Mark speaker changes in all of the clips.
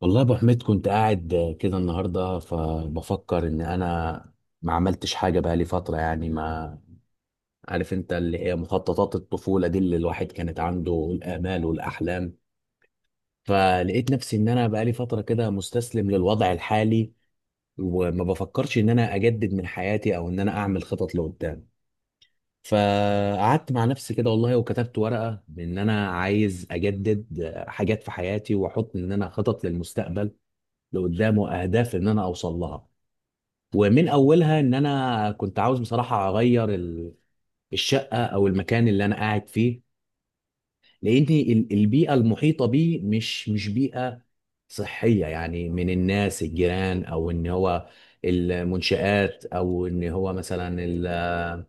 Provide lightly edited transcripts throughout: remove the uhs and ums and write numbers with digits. Speaker 1: والله يا ابو حميد، كنت قاعد كده النهارده فبفكر ان انا ما عملتش حاجه بقى لي فتره، يعني ما عارف انت، اللي هي مخططات الطفوله دي اللي الواحد كانت عنده الامال والاحلام. فلقيت نفسي ان انا بقى لي فتره كده مستسلم للوضع الحالي، وما بفكرش ان انا اجدد من حياتي او ان انا اعمل خطط لقدام. فقعدت مع نفسي كده والله وكتبت ورقه ان انا عايز اجدد حاجات في حياتي، واحط ان انا خطط للمستقبل لقدام واهداف ان انا اوصل لها. ومن اولها ان انا كنت عاوز بصراحه اغير الشقه او المكان اللي انا قاعد فيه، لان البيئه المحيطه بيه مش بيئه صحيه، يعني من الناس الجيران، او ان هو المنشآت، او ان هو مثلا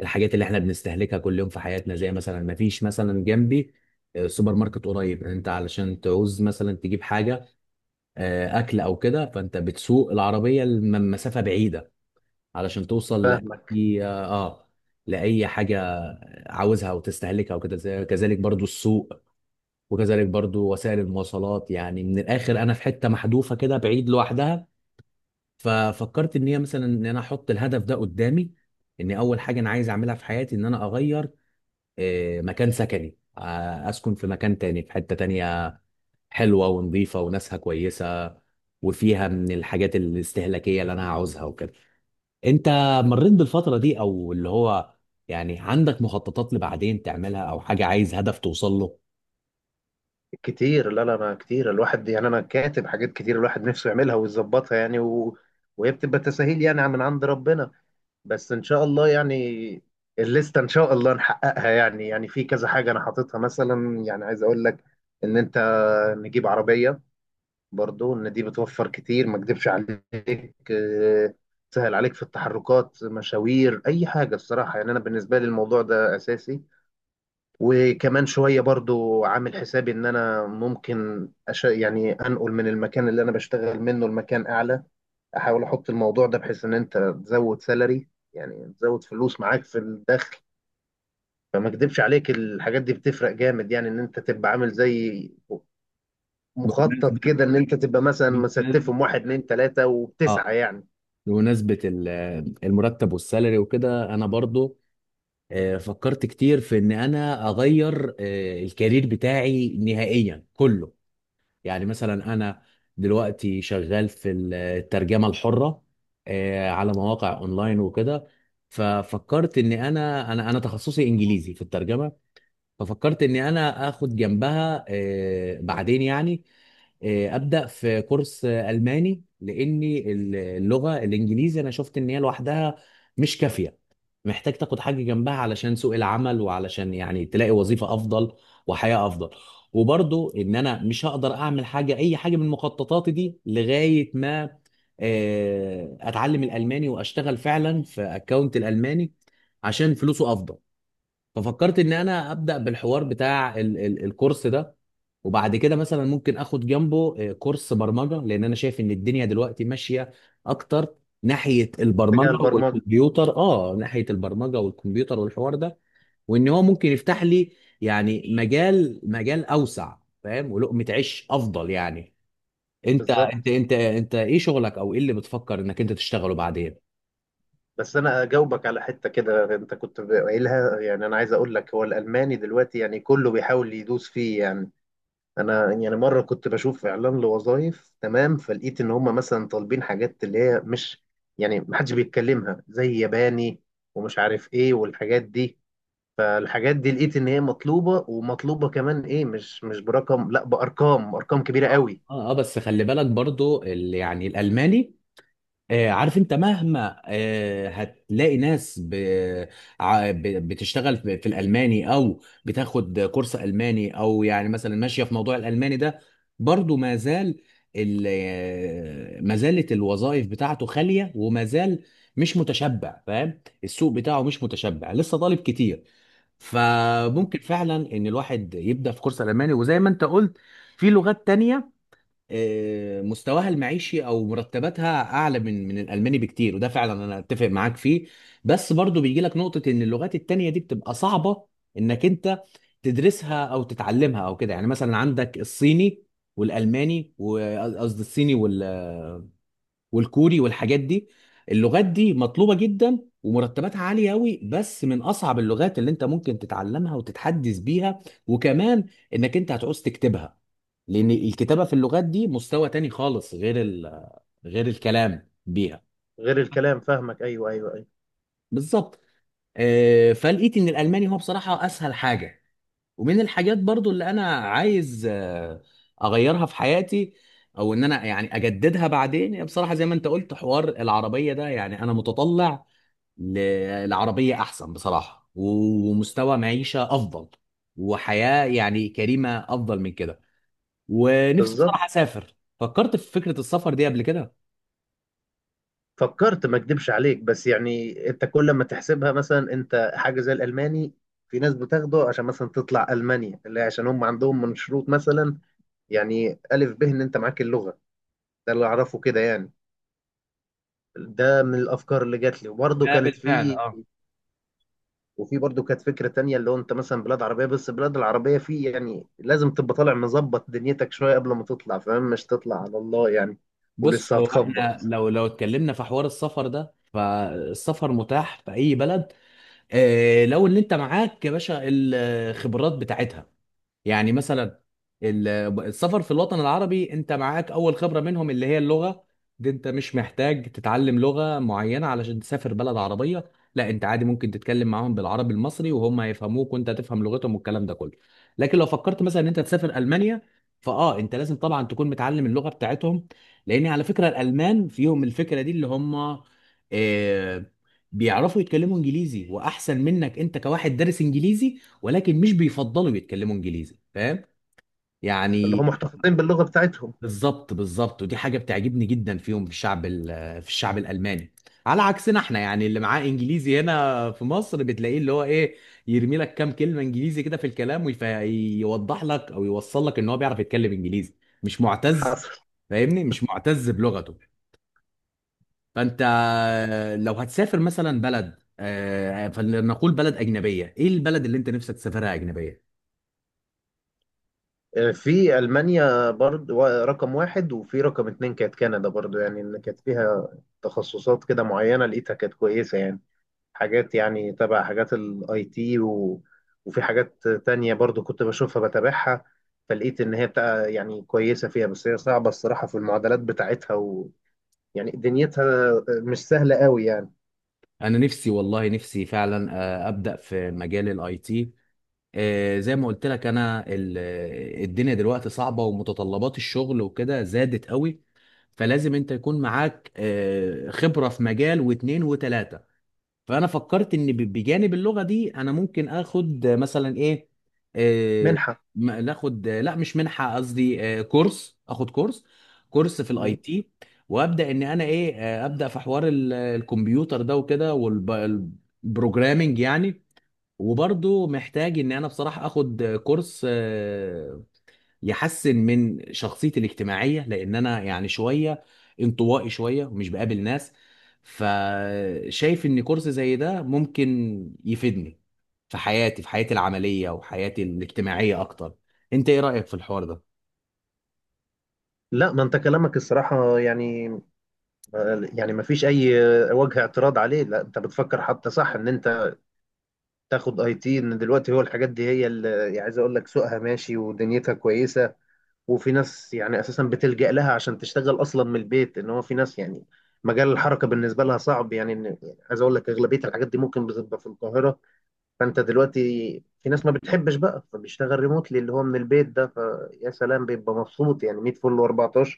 Speaker 1: الحاجات اللي احنا بنستهلكها كل يوم في حياتنا. زي مثلا ما فيش مثلا جنبي سوبر ماركت قريب انت، علشان تعوز مثلا تجيب حاجه اكل او كده، فانت بتسوق العربيه لمسافه بعيده علشان توصل
Speaker 2: فاهمك.
Speaker 1: لأي حاجة عاوزها وتستهلكها وكده. كذلك برضو السوق، وكذلك برضو وسائل المواصلات، يعني من الآخر أنا في حتة محذوفة كده بعيد لوحدها. ففكرت إن هي مثلا إن أنا أحط الهدف ده قدامي، إن أول حاجة أنا عايز أعملها في حياتي إن أنا أغير مكان سكني، أسكن في مكان تاني في حتة تانية حلوة ونظيفة وناسها كويسة، وفيها من الحاجات الاستهلاكية اللي أنا عاوزها وكده. انت مريت بالفترة دي او اللي هو يعني عندك مخططات لبعدين تعملها او حاجة عايز هدف توصل له؟
Speaker 2: كتير، لا لا، انا كتير، الواحد يعني انا كاتب حاجات كتير الواحد نفسه يعملها ويظبطها يعني وهي بتبقى تساهيل يعني من عند ربنا، بس ان شاء الله يعني الليسته ان شاء الله نحققها يعني. يعني في كذا حاجه انا حاططها، مثلا يعني عايز اقول لك ان انت نجيب عربيه، برضو ان دي بتوفر كتير ما اكدبش عليك. تسهل عليك في التحركات، مشاوير، اي حاجه. الصراحه يعني انا بالنسبه لي الموضوع ده اساسي. وكمان شوية برضو عامل حسابي ان انا ممكن يعني انقل من المكان اللي انا بشتغل منه لمكان اعلى، احاول احط الموضوع ده بحيث ان انت تزود سالري، يعني تزود فلوس معاك في الدخل. فما اكدبش عليك الحاجات دي بتفرق جامد، يعني ان انت تبقى عامل زي مخطط
Speaker 1: بمناسبة
Speaker 2: كده، ان انت تبقى مثلا
Speaker 1: بمناسبة
Speaker 2: مستفهم واحد اتنين تلاتة
Speaker 1: اه
Speaker 2: وبتسعى يعني
Speaker 1: بمناسبة المرتب والسالري وكده انا برضو فكرت كتير في ان انا اغير الكارير بتاعي نهائيا كله. يعني مثلا انا دلوقتي شغال في الترجمة الحرة، على مواقع اونلاين وكده. ففكرت ان انا تخصصي انجليزي في الترجمة، ففكرت اني انا اخد جنبها بعدين يعني ابدا في كورس الماني، لاني اللغه الانجليزي انا شفت ان هي لوحدها مش كافيه. محتاج تاخد حاجه جنبها علشان سوق العمل، وعلشان يعني تلاقي وظيفه افضل وحياه افضل. وبرضو ان انا مش هقدر اعمل حاجه، اي حاجه من مخططاتي دي لغايه ما اتعلم الالماني واشتغل فعلا في اكونت الالماني عشان فلوسه افضل. ففكرت ان انا ابدا بالحوار بتاع ال ال الكورس ده. وبعد كده مثلا ممكن اخد جنبه كورس برمجه، لان انا شايف ان الدنيا دلوقتي ماشيه اكتر ناحيه
Speaker 2: في اتجاه
Speaker 1: البرمجه
Speaker 2: البرمجة.
Speaker 1: والكمبيوتر، والحوار ده وان هو ممكن يفتح لي يعني مجال اوسع، فاهم، ولقمه عيش افضل يعني. انت انت
Speaker 2: بالظبط.
Speaker 1: انت انت ايه شغلك، او ايه اللي بتفكر انك انت تشتغله بعدين؟
Speaker 2: بس انا اجاوبك على حته كده انت كنت قايلها. يعني انا عايز اقول لك هو الالماني دلوقتي يعني كله بيحاول يدوس فيه يعني. انا يعني مره كنت بشوف اعلان لوظائف، تمام، فلقيت ان هم مثلا طالبين حاجات اللي هي مش يعني محدش بيتكلمها زي ياباني ومش عارف ايه والحاجات دي. فالحاجات دي لقيت ان هي مطلوبه ومطلوبه كمان، ايه، مش برقم، لا، بارقام، ارقام كبيره
Speaker 1: اه،
Speaker 2: قوي.
Speaker 1: اه، بس خلي بالك برضو يعني الالماني. عارف انت مهما هتلاقي ناس بتشتغل في الالماني او بتاخد كورس الماني، او يعني مثلا ماشيه في موضوع الالماني ده. برضو ما زال ال... آه، ما زالت الوظائف بتاعته خاليه وما زال مش متشبع، فاهم، السوق بتاعه مش متشبع لسه طالب كتير. فممكن فعلا ان الواحد يبدا في كورس الماني. وزي ما انت قلت، في لغات تانية مستواها المعيشي او مرتباتها اعلى من الالماني بكتير، وده فعلا انا اتفق معاك فيه. بس برضو بيجي لك نقطة ان اللغات التانية دي بتبقى صعبة انك انت تدرسها او تتعلمها او كده. يعني مثلا عندك الصيني والالماني، وقصدي الصيني والكوري والحاجات دي. اللغات دي مطلوبة جدا ومرتباتها عالية قوي، بس من أصعب اللغات اللي أنت ممكن تتعلمها وتتحدث بيها. وكمان إنك أنت هتعوز تكتبها، لأن الكتابة في اللغات دي مستوى تاني خالص، غير غير الكلام بيها.
Speaker 2: غير الكلام، فاهمك، ايوه ايوه ايوه،
Speaker 1: بالظبط. فلقيت ان الالماني هو بصراحه اسهل حاجه، ومن الحاجات برضو اللي انا عايز اغيرها في حياتي او ان انا يعني اجددها بعدين. بصراحه زي ما انت قلت، حوار العربيه ده يعني انا متطلع ل- العربية أحسن بصراحة، ومستوى معيشة أفضل، وحياة يعني كريمة أفضل من كده. ونفسي
Speaker 2: بالظبط.
Speaker 1: بصراحة أسافر. فكرت في فكرة السفر دي قبل كده؟
Speaker 2: فكرت ما اكدبش عليك، بس يعني انت كل ما تحسبها مثلا، انت حاجه زي الالماني في ناس بتاخده عشان مثلا تطلع المانيا، اللي هي عشان هم عندهم من شروط مثلا يعني الف ب ان انت معاك اللغه. ده اللي اعرفه كده يعني. ده من الافكار اللي جات لي وبرضه
Speaker 1: ده
Speaker 2: كانت
Speaker 1: بالفعل
Speaker 2: في،
Speaker 1: اه.
Speaker 2: وفي برضه كانت فكره تانية اللي هو انت مثلا بلاد عربيه، بس البلاد العربيه في يعني لازم تبقى طالع مظبط دنيتك شويه قبل ما تطلع، فاهم، مش تطلع على الله يعني،
Speaker 1: بص،
Speaker 2: ولسه
Speaker 1: هو احنا
Speaker 2: هتخبط.
Speaker 1: لو اتكلمنا في حوار السفر ده فالسفر متاح في أي بلد. اه، لو اللي أنت معاك يا باشا الخبرات بتاعتها. يعني مثلا ال- السفر في الوطن العربي، انت معاك اول خبرة منهم اللي هي اللغة. دي انت مش محتاج تتعلم لغة معينة علشان تسافر بلد عربية، لا انت عادي ممكن تتكلم معاهم بالعربي المصري وهم هيفهموك وانت هتفهم لغتهم والكلام ده كله. لكن لو فكرت مثلا ان انت تسافر المانيا، فاه انت لازم طبعا تكون متعلم اللغة بتاعتهم. لان على فكرة الالمان فيهم الفكرة دي اللي هم آه، بيعرفوا يتكلموا انجليزي واحسن منك، انت كواحد دارس انجليزي. ولكن مش بيفضلوا يتكلموا انجليزي، فاهم
Speaker 2: اللي
Speaker 1: يعني.
Speaker 2: هم محتفظين باللغه بتاعتهم.
Speaker 1: بالظبط بالظبط، ودي حاجه بتعجبني جدا فيهم، في الشعب في الشعب الالماني. على عكسنا احنا، يعني اللي معاه انجليزي هنا في مصر بتلاقيه اللي هو ايه، يرمي لك كام كلمه انجليزي كده في الكلام ويوضح لك او يوصل لك ان هو بيعرف يتكلم انجليزي، مش معتز،
Speaker 2: حصل.
Speaker 1: فاهمني، مش معتز بلغته. فانت لو هتسافر مثلا بلد فلنقول بلد اجنبيه، ايه البلد اللي انت نفسك تسافرها اجنبيه؟
Speaker 2: في المانيا برضو رقم واحد، وفي رقم اتنين كانت كندا برضو، يعني ان كانت فيها تخصصات كده معينه لقيتها كانت كويسه يعني. حاجات يعني تبع حاجات الاي تي، وفي حاجات تانية برضو كنت بشوفها بتابعها، فلقيت ان هي بتاع يعني كويسه فيها، بس هي صعبه الصراحه في المعادلات بتاعتها، ويعني دنيتها مش سهله قوي يعني.
Speaker 1: انا نفسي والله نفسي فعلا ابدا في مجال الاي تي. زي ما قلت لك انا، الدنيا دلوقتي صعبه ومتطلبات الشغل وكده زادت قوي، فلازم انت يكون معاك خبره في مجال واتنين وتلاته. فانا فكرت ان بجانب اللغه دي انا ممكن اخد مثلا ايه، آه،
Speaker 2: منحه.
Speaker 1: ناخد، لا مش منحه، قصدي كورس، اخد كورس كورس في الاي تي. وابدا ان انا ايه، ابدا في حوار الكمبيوتر ده وكده، والبروجرامنج يعني. وبرضو محتاج ان انا بصراحه اخد كورس يحسن من شخصيتي الاجتماعية، لأن أنا يعني شوية انطوائي شوية ومش بقابل ناس. فشايف إن كورس زي ده ممكن يفيدني في حياتي، في حياتي العملية وحياتي الاجتماعية أكتر. أنت إيه رأيك في الحوار
Speaker 2: لا ما انت كلامك الصراحه يعني يعني ما فيش اي وجه اعتراض عليه، لا انت بتفكر حتى صح ان انت تاخد اي تي. ان دلوقتي هو الحاجات دي هي اللي يعني عايز اقول لك سوقها ماشي ودنيتها كويسه. وفي ناس يعني اساسا بتلجأ لها عشان تشتغل اصلا من البيت، ان هو في ناس يعني مجال الحركه بالنسبه لها صعب، يعني إن يعني عايز اقول لك اغلبيه الحاجات دي ممكن بتبقى في القاهره. فانت دلوقتي في ناس ما بتحبش بقى فبيشتغل ريموتلي اللي هو من البيت، ده فيا سلام بيبقى مبسوط يعني 100 فل و14.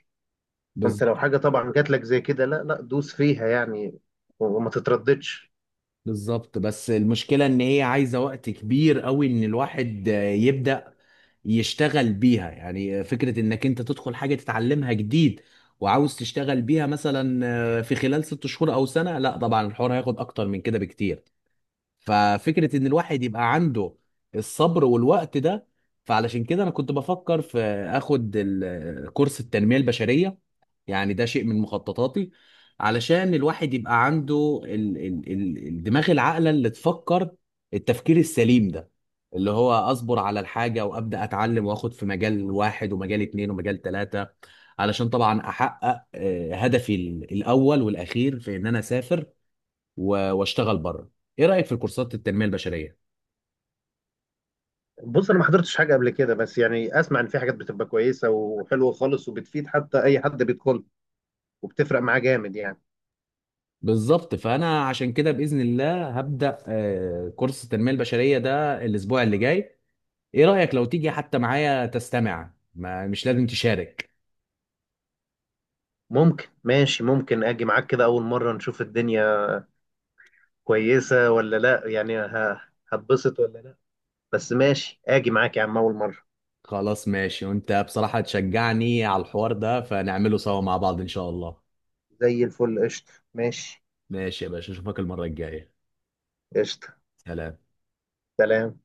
Speaker 2: فانت لو
Speaker 1: ده؟
Speaker 2: حاجه طبعا جات لك زي كده، لا لا، دوس فيها يعني، وما تترددش.
Speaker 1: بالظبط. بس المشكلة ان هي عايزة وقت كبير قوي ان الواحد يبدأ يشتغل بيها. يعني فكرة انك انت تدخل حاجة تتعلمها جديد وعاوز تشتغل بيها مثلا في خلال 6 شهور او سنة، لا طبعا الحوار هياخد اكتر من كده بكتير. ففكرة ان الواحد يبقى عنده الصبر والوقت ده، فعلشان كده انا كنت بفكر في اخد كورس التنمية البشرية. يعني ده شيء من مخططاتي علشان الواحد يبقى عنده ال ال ال الدماغ العاقلة اللي تفكر، التفكير السليم ده، اللي هو اصبر على الحاجة وابدأ اتعلم واخد في مجال واحد ومجال اتنين ومجال تلاتة علشان طبعا احقق هدفي الاول والاخير في ان انا اسافر واشتغل بره. ايه رأيك في الكورسات التنمية البشرية؟
Speaker 2: بص انا ما حضرتش حاجه قبل كده، بس يعني اسمع ان في حاجات بتبقى كويسه وحلوه خالص وبتفيد حتى اي حد بيدخل، وبتفرق معاه جامد يعني.
Speaker 1: بالظبط. فانا عشان كده باذن الله هبدا كورس التنميه البشريه ده الاسبوع اللي جاي. ايه رأيك لو تيجي حتى معايا تستمع، ما مش لازم تشارك؟
Speaker 2: ممكن، ماشي، ممكن اجي معاك كده اول مره نشوف الدنيا كويسه ولا لا، يعني هتبسط ولا لا، بس ماشي اجي معاك يا عم اول مره.
Speaker 1: خلاص ماشي. وانت بصراحة تشجعني على الحوار ده، فنعمله سوا مع بعض ان شاء الله.
Speaker 2: زي الفل، قشطه، ماشي.
Speaker 1: ماشي يا باشا، اشوفك المرة الجاية.
Speaker 2: قشطه.
Speaker 1: سلام.
Speaker 2: سلام.